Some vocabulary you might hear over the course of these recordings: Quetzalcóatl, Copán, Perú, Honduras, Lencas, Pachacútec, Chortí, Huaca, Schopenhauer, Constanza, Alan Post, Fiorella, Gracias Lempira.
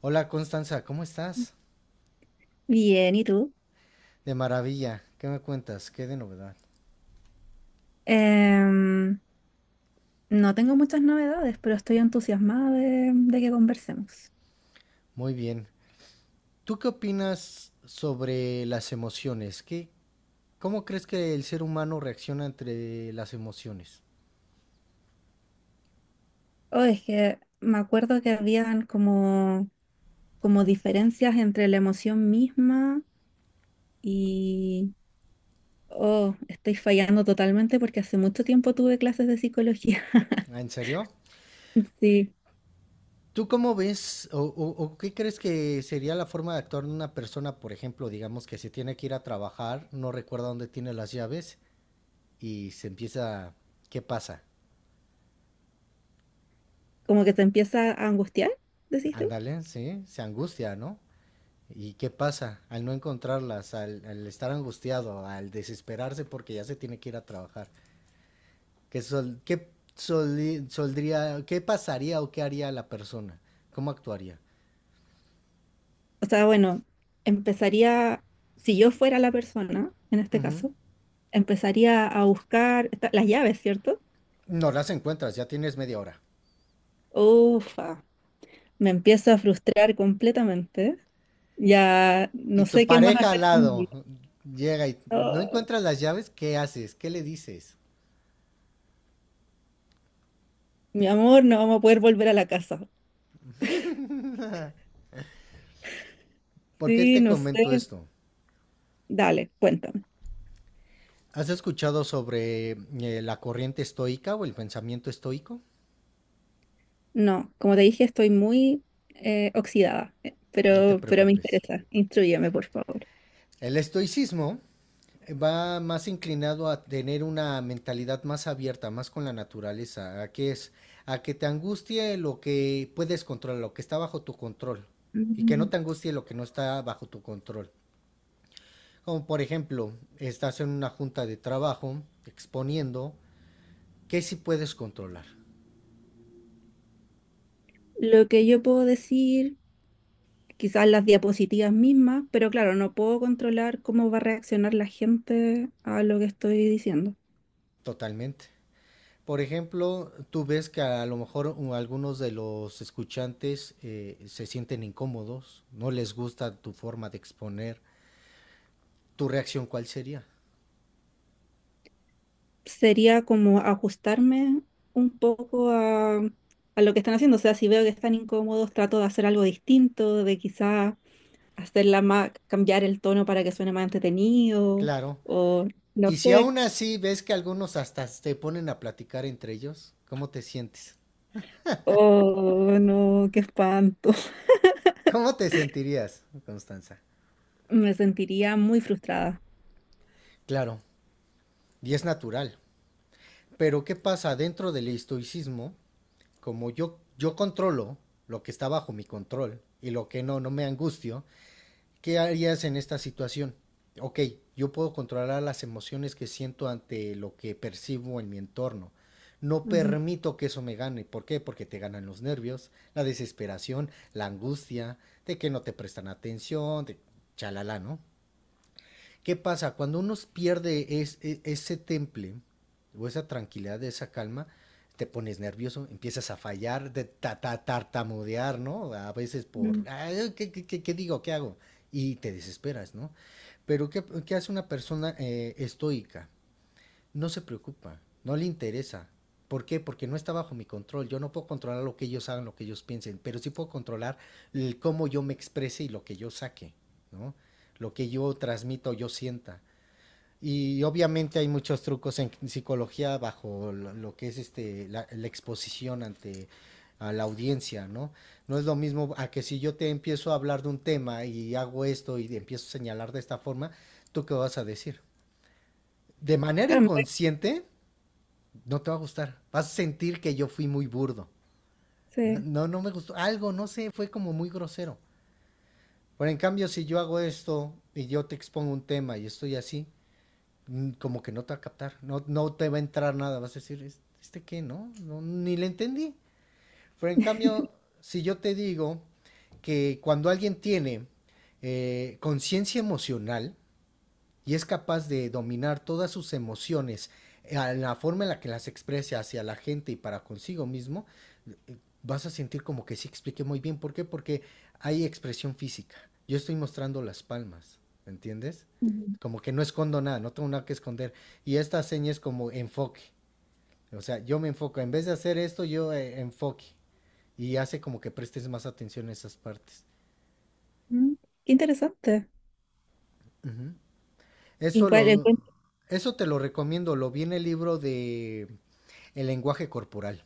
Hola Constanza, ¿cómo estás? Bien, ¿y tú? De maravilla, ¿qué me cuentas? ¿Qué de novedad? Em, no tengo muchas novedades, pero estoy entusiasmada de que conversemos. Muy bien. ¿Tú qué opinas sobre las emociones? ¿Cómo crees que el ser humano reacciona entre las emociones? Oh, es que me acuerdo que habían como diferencias entre la emoción misma y... Oh, estoy fallando totalmente porque hace mucho tiempo tuve clases de psicología. Ah, ¿en serio? Sí, ¿Tú cómo ves o qué crees que sería la forma de actuar de una persona? Por ejemplo, digamos que se tiene que ir a trabajar, no recuerda dónde tiene las llaves y se empieza... ¿Qué pasa? como que te empieza a angustiar, decís tú. Ándale, sí, se angustia, ¿no? ¿Y qué pasa? Al no encontrarlas, al estar angustiado, al desesperarse porque ya se tiene que ir a trabajar. ¿Qué soldría, qué pasaría o qué haría la persona? ¿Cómo actuaría? O sea, bueno, empezaría, si yo fuera la persona, en este Ujú. caso. Empezaría a buscar las llaves, ¿cierto? No las encuentras, ya tienes media hora. Ufa, me empiezo a frustrar completamente. Ya Y no tu sé qué más pareja al hacer con mi lado vida. llega y no Oh, encuentras las llaves, ¿qué haces? ¿Qué le dices? mi amor, no vamos a poder volver a la casa. ¿Por qué Sí, te no sé. comento esto? Dale, cuéntame. ¿Has escuchado sobre la corriente estoica o el pensamiento estoico? No, como te dije, estoy muy oxidada, No te pero me preocupes. interesa. Instrúyeme, por favor. El estoicismo va más inclinado a tener una mentalidad más abierta, más con la naturaleza, a que te angustie lo que puedes controlar, lo que está bajo tu control, y que no Mm, te angustie lo que no está bajo tu control. Como por ejemplo, estás en una junta de trabajo exponiendo que sí puedes controlar lo que yo puedo decir quizás las diapositivas mismas, pero claro, no puedo controlar cómo va a reaccionar la gente a lo que estoy diciendo. totalmente. Por ejemplo, tú ves que a lo mejor algunos de los escuchantes se sienten incómodos, no les gusta tu forma de exponer. ¿Tu reacción cuál sería? Sería como ajustarme un poco a lo que están haciendo. O sea, si veo que están incómodos, trato de hacer algo distinto, de quizás hacerla más, cambiar el tono para que suene más entretenido, Claro. o no Y si sé, aún así ves que algunos hasta se ponen a platicar entre ellos, ¿cómo te sientes? oh no, qué espanto. ¿Cómo te sentirías, Constanza? Me sentiría muy frustrada. Claro, y es natural. Pero ¿qué pasa dentro del estoicismo? Como yo controlo lo que está bajo mi control, y lo que no, no me angustio. ¿Qué harías en esta situación? Ok, yo puedo controlar las emociones que siento ante lo que percibo en mi entorno. No Ujú. permito que eso me gane. ¿Por qué? Porque te ganan los nervios, la desesperación, la angustia, de que no te prestan atención, de chalala, ¿no? ¿Qué pasa? Cuando uno pierde ese temple o esa tranquilidad, esa calma, te pones nervioso, empiezas a fallar, de tartamudear, ¿no? A veces por: Mm. "Ay, ¿qué digo? ¿Qué hago?". Y te desesperas, ¿no? Pero ¿qué hace una persona estoica? No se preocupa, no le interesa. ¿Por qué? Porque no está bajo mi control. Yo no puedo controlar lo que ellos hagan, lo que ellos piensen, pero sí puedo controlar el cómo yo me exprese y lo que yo saque, ¿no? Lo que yo transmito, yo sienta. Y obviamente hay muchos trucos en psicología bajo lo que es, este, la exposición ante a la audiencia, ¿no? No es lo mismo a que si yo te empiezo a hablar de un tema y hago esto y te empiezo a señalar de esta forma, ¿tú qué vas a decir? De manera Claro, me inconsciente, no te va a gustar. Vas a sentir que yo fui muy burdo. No, parece- no, no me gustó. Algo, no sé, fue como muy grosero. Pero en cambio, si yo hago esto y yo te expongo un tema y estoy así, como que no te va a captar, no, no te va a entrar nada, vas a decir: "¿Es- "¿este qué? No, no, ni le entendí". Pero en cambio, si yo te digo que cuando alguien tiene conciencia emocional, y es capaz de dominar todas sus emociones a la forma en la que las expresa hacia la gente y para consigo mismo, eh, vas a sentir como que sí expliqué muy bien. ¿Por qué? Porque hay expresión física. Yo estoy mostrando las palmas, ¿entiendes? Ujú. Como que no escondo nada, no tengo nada que esconder. Y esta seña es como enfoque. O sea, yo me enfoco. En vez de hacer esto, yo, enfoque. Y hace como que prestes más atención a esas partes. Mm, qué interesante. Uh -huh. Eso Igual lo lo, encuentro- eso te lo recomiendo. Lo vi en el libro de El lenguaje corporal,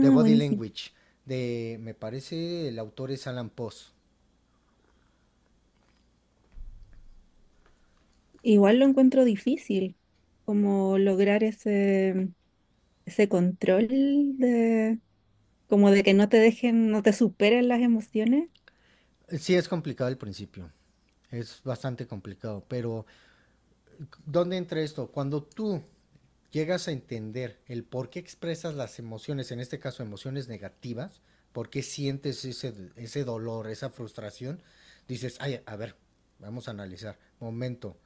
The Body buenísimo. Language, de, me parece, el autor es Alan Post. Igual lo encuentro difícil, como lograr ese control de, como de que no te dejen, no te superen las emociones. Sí, es complicado al principio, es bastante complicado, pero ¿dónde entra esto? Cuando tú llegas a entender el por qué expresas las emociones, en este caso emociones negativas, por qué sientes ese dolor, esa frustración, dices: "Ay, a ver, vamos a analizar, momento,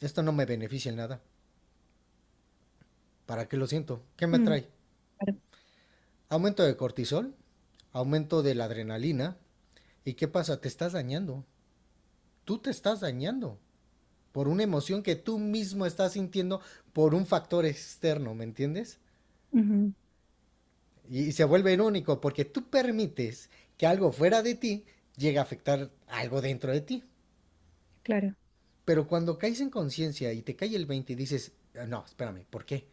esto no me beneficia en nada, ¿para qué lo siento? ¿Qué me Mm, trae?". claro. Aumento de cortisol, aumento de la adrenalina. ¿Y qué pasa? Te estás dañando. Tú te estás dañando por una emoción que tú mismo estás sintiendo por un factor externo, ¿me entiendes? Ujú, Y se vuelve irónico porque tú permites que algo fuera de ti llegue a afectar algo dentro de ti. claro. Pero cuando caes en conciencia y te cae el 20 y dices: "Ah, no, espérame, ¿por qué?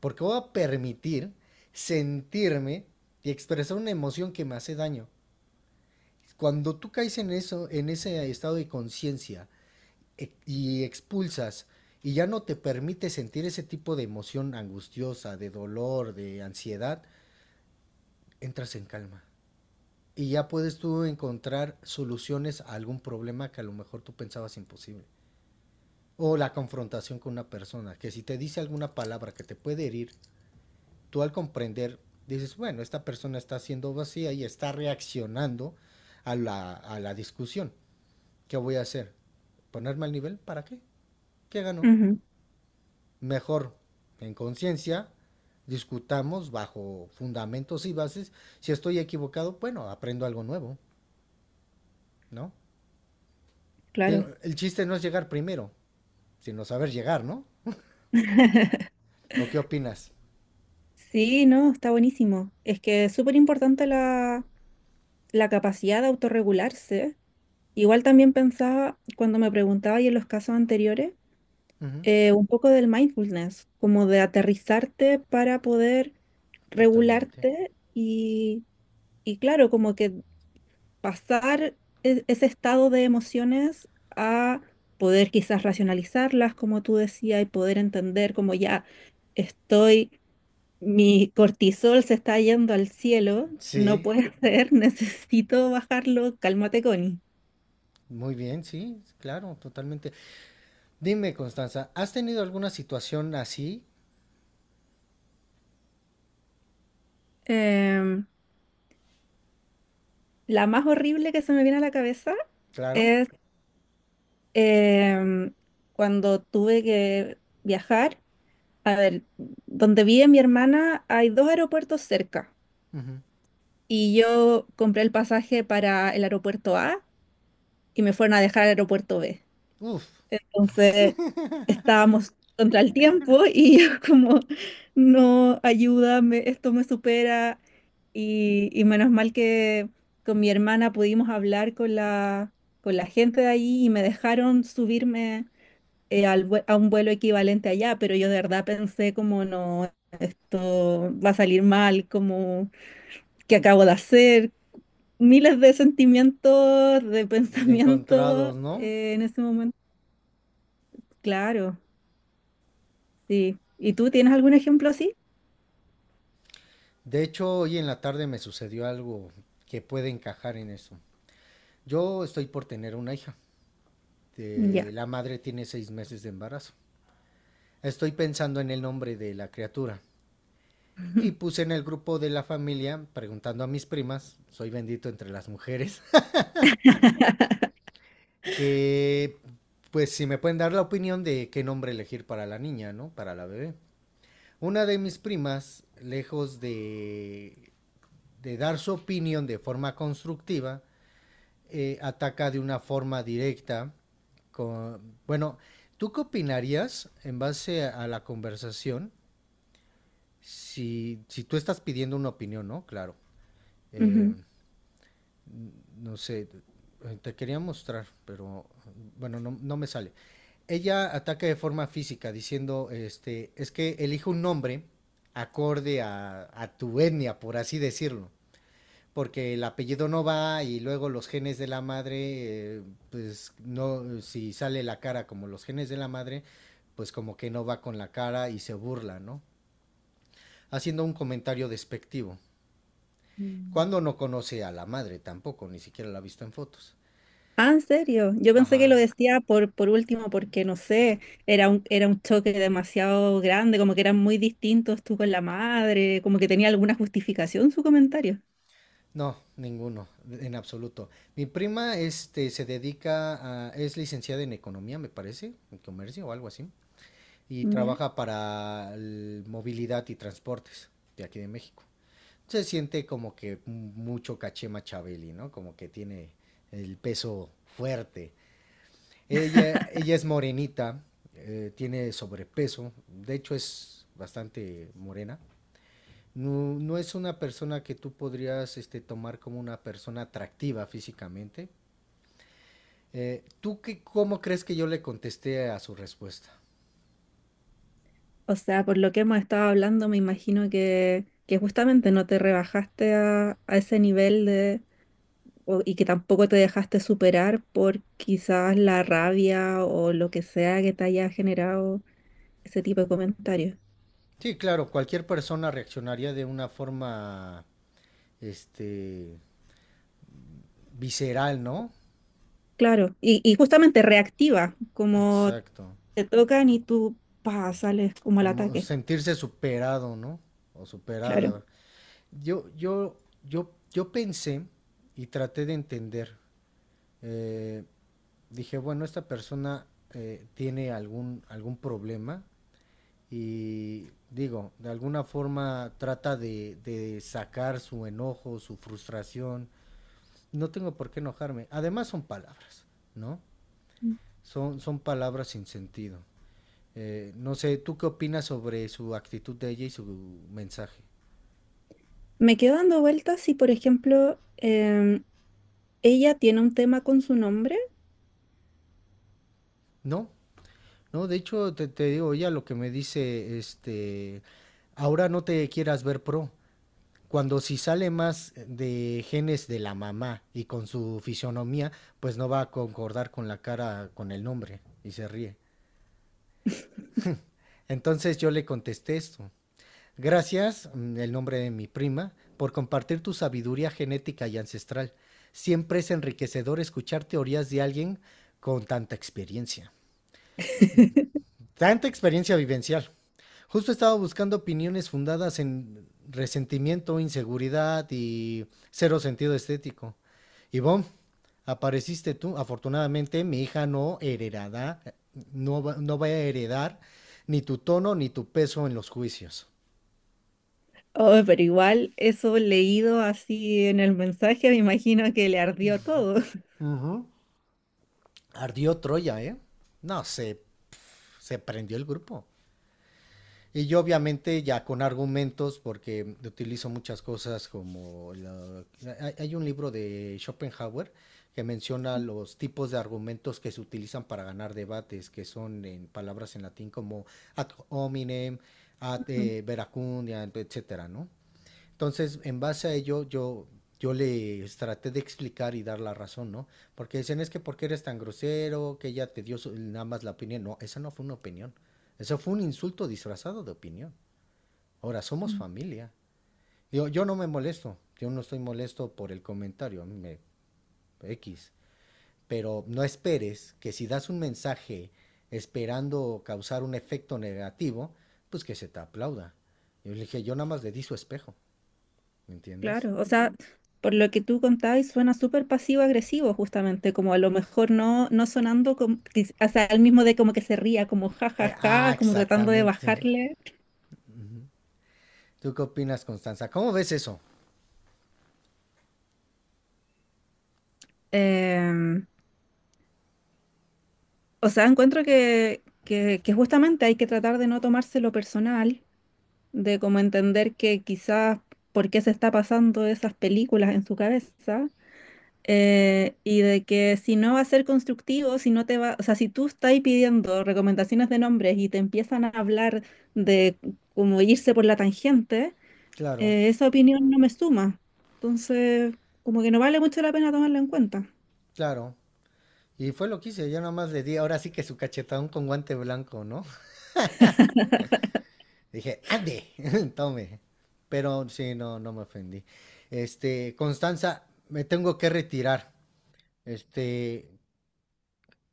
Porque voy a permitir sentirme y expresar una emoción que me hace daño". Cuando tú caes en eso, en ese estado de conciencia, y expulsas, y ya no te permite sentir ese tipo de emoción angustiosa, de dolor, de ansiedad, entras en calma. Y ya puedes tú encontrar soluciones a algún problema que a lo mejor tú pensabas imposible. O la confrontación con una persona, que si te dice alguna palabra que te puede herir, tú al comprender dices: "Bueno, esta persona está siendo vacía y está reaccionando a la discusión. ¿Qué voy a hacer? ¿Ponerme al nivel? ¿Para qué? ¿Qué ganó?". Ujú, Mejor, en conciencia, discutamos bajo fundamentos y bases. Si estoy equivocado, bueno, aprendo algo nuevo, ¿no? claro. El chiste no es llegar primero, sino saber llegar, ¿no? ¿O qué opinas? Sí, no, está buenísimo. Es que es súper importante la capacidad de autorregularse. Igual también pensaba, cuando me preguntaba y en los casos anteriores, Ujú. Un poco del mindfulness, como de aterrizarte para poder Totalmente. regularte y claro, como que pasar ese estado de emociones a poder quizás racionalizarlas, como tú decías, y poder entender como ya estoy, mi cortisol se está yendo al cielo, no Sí, puede ser, necesito bajarlo, cálmate, Connie. muy bien, sí, claro, totalmente. Dime, Constanza, ¿has tenido alguna situación así? Em, la más horrible que se me viene a la cabeza Claro. es em, cuando tuve que viajar, a ver, donde vive mi hermana hay dos aeropuertos cerca Ujú. y yo compré el pasaje para el aeropuerto A y me fueron a dejar al aeropuerto B. Uf. Entonces estábamos contra el tiempo y yo como, no, ayúdame, esto me supera y menos mal que con mi hermana pudimos hablar con con la gente de ahí y me dejaron subirme al a un vuelo equivalente allá, pero yo de verdad pensé como no, esto va a salir mal, como qué acabo de hacer, miles de sentimientos, de pensamientos Encontrados, ¿no? En ese momento. Claro, sí. ¿Y tú tienes algún ejemplo así? De hecho, hoy en la tarde me sucedió algo que puede encajar en eso. Yo estoy por tener una hija. Ya. La madre tiene 6 meses de embarazo. Estoy pensando en el nombre de la criatura. Y puse en el grupo de la familia, preguntando a mis primas, soy bendito entre las mujeres, que pues si me pueden dar la opinión de qué nombre elegir para la niña, ¿no? Para la bebé. Una de mis primas, lejos de, dar su opinión de forma constructiva, ataca de una forma directa. Bueno, ¿tú qué opinarías en base a la conversación? Si tú estás pidiendo una opinión, ¿no? Claro. Eh, Ujú. no sé, te quería mostrar, pero bueno, no, no me sale. Ella ataca de forma física diciendo, es que elige un nombre acorde a tu etnia, por así decirlo, porque el apellido no va y luego los genes de la madre, pues no, si sale la cara como los genes de la madre, pues como que no va con la cara, y se burla, ¿no? Haciendo un comentario despectivo. Mm. Cuando no conoce a la madre tampoco, ni siquiera la ha visto en fotos. Ah, ¿en serio? Yo pensé que lo Ajá. decía por último porque, no sé, era era un choque demasiado grande, como que eran muy distintos tú con la madre, como que tenía alguna justificación su comentario. No, ninguno, en absoluto. Mi prima, se dedica a, es licenciada en economía, me parece, en comercio o algo así, y Ya. trabaja para el movilidad y transportes de aquí de México. Se siente como que mucho caché Machiavelli, ¿no? Como que tiene el peso fuerte. Ella es morenita, tiene sobrepeso, de hecho es bastante morena. No, no es una persona que tú podrías, tomar como una persona atractiva físicamente. ¿Tú cómo crees que yo le contesté a su respuesta? O sea, por lo que hemos estado hablando, me imagino que justamente no te rebajaste a ese nivel de, o- y que tampoco te dejaste superar por quizás la rabia o lo que sea que te haya generado ese tipo de comentarios. Sí, claro, cualquier persona reaccionaría de una forma, este, visceral, ¿no? Claro, y justamente reactiva, como Exacto. te tocan y tú pa, sales como al Como ataque. sentirse superado, ¿no? O Claro. superada. Yo, yo, yo pensé y traté de entender. eh, Dije: "Bueno, esta persona tiene algún problema", y digo, de alguna forma trata de sacar su enojo, su frustración. No tengo por qué enojarme. Además son palabras, ¿no? Son palabras sin sentido. No sé, ¿tú qué opinas sobre su actitud de ella y su mensaje? Me quedo dando vueltas si, por ejemplo, ella tiene un tema con su nombre. No, no, de hecho, te digo, ella lo que me dice, ahora no te quieras ver pro. Cuando si sale más de genes de la mamá y con su fisionomía, pues no va a concordar con la cara, con el nombre, y se ríe. Entonces yo le contesté esto: "Gracias, el nombre de mi prima, por compartir tu sabiduría genética y ancestral. Siempre es enriquecedor escuchar teorías de alguien con tanta experiencia. Tanta experiencia vivencial. Justo estaba buscando opiniones fundadas en resentimiento, inseguridad y cero sentido estético. Y bom, apareciste tú. Afortunadamente, mi hija no heredará, no va a heredar ni tu tono ni tu peso en los juicios". Oh, pero igual eso leído así en el mensaje, me imagino que le ardió todo. Ujú. Ardió Troya, ¿eh? No, se prendió el grupo. Y yo obviamente ya con argumentos, porque utilizo muchas cosas como... un libro de Schopenhauer que menciona los tipos de argumentos que se utilizan para ganar debates, que son en palabras en latín como ad hominem, ad Ujú, veracundia, etcétera, ¿no? Entonces, en base a ello, yo les traté de explicar y dar la razón, ¿no? Porque dicen: "Es que ¿por qué eres tan grosero? Que ella te dio nada más la opinión". No, esa no fue una opinión. Eso fue un insulto disfrazado de opinión. Ahora, somos ujú. familia. Yo no me molesto. Yo no estoy molesto por el comentario. A mí me... X. Pero no esperes que si das un mensaje esperando causar un efecto negativo, pues que se te aplauda. Yo le dije, yo nada más le di su espejo, ¿me entiendes? Claro, o sea, por lo que tú contabas, suena súper pasivo-agresivo, justamente, como a lo mejor no, no sonando, como, quiz- o sea, el mismo de como que se ría, como ja, Eh, ja, ah, ja, como tratando de exactamente. bajarle. ¿Tú qué opinas, Constanza? ¿Cómo ves eso? Em, o sea, encuentro que justamente hay que tratar de no tomárselo personal, de como entender que quizás por qué se está pasando esas películas en su cabeza. Y de que si no va a ser constructivo, si no te va, o sea, si tú estás pidiendo recomendaciones de nombres y te empiezan a hablar de como irse por la tangente, Claro, esa opinión no me suma. Entonces, como que no vale mucho la pena tomarla en cuenta. claro. Y fue lo que hice, yo nada más le di, ahora sí que su cachetón con guante blanco, ¿no? Dije: "Ande, tome". Pero sí, no, no me ofendí. Constanza, me tengo que retirar. Este,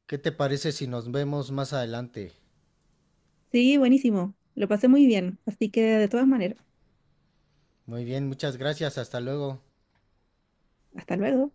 ¿Qué te parece si nos vemos más adelante? Sí, buenísimo. Lo pasé muy bien. Así que, de todas maneras, Muy bien, muchas gracias, hasta luego. hasta luego.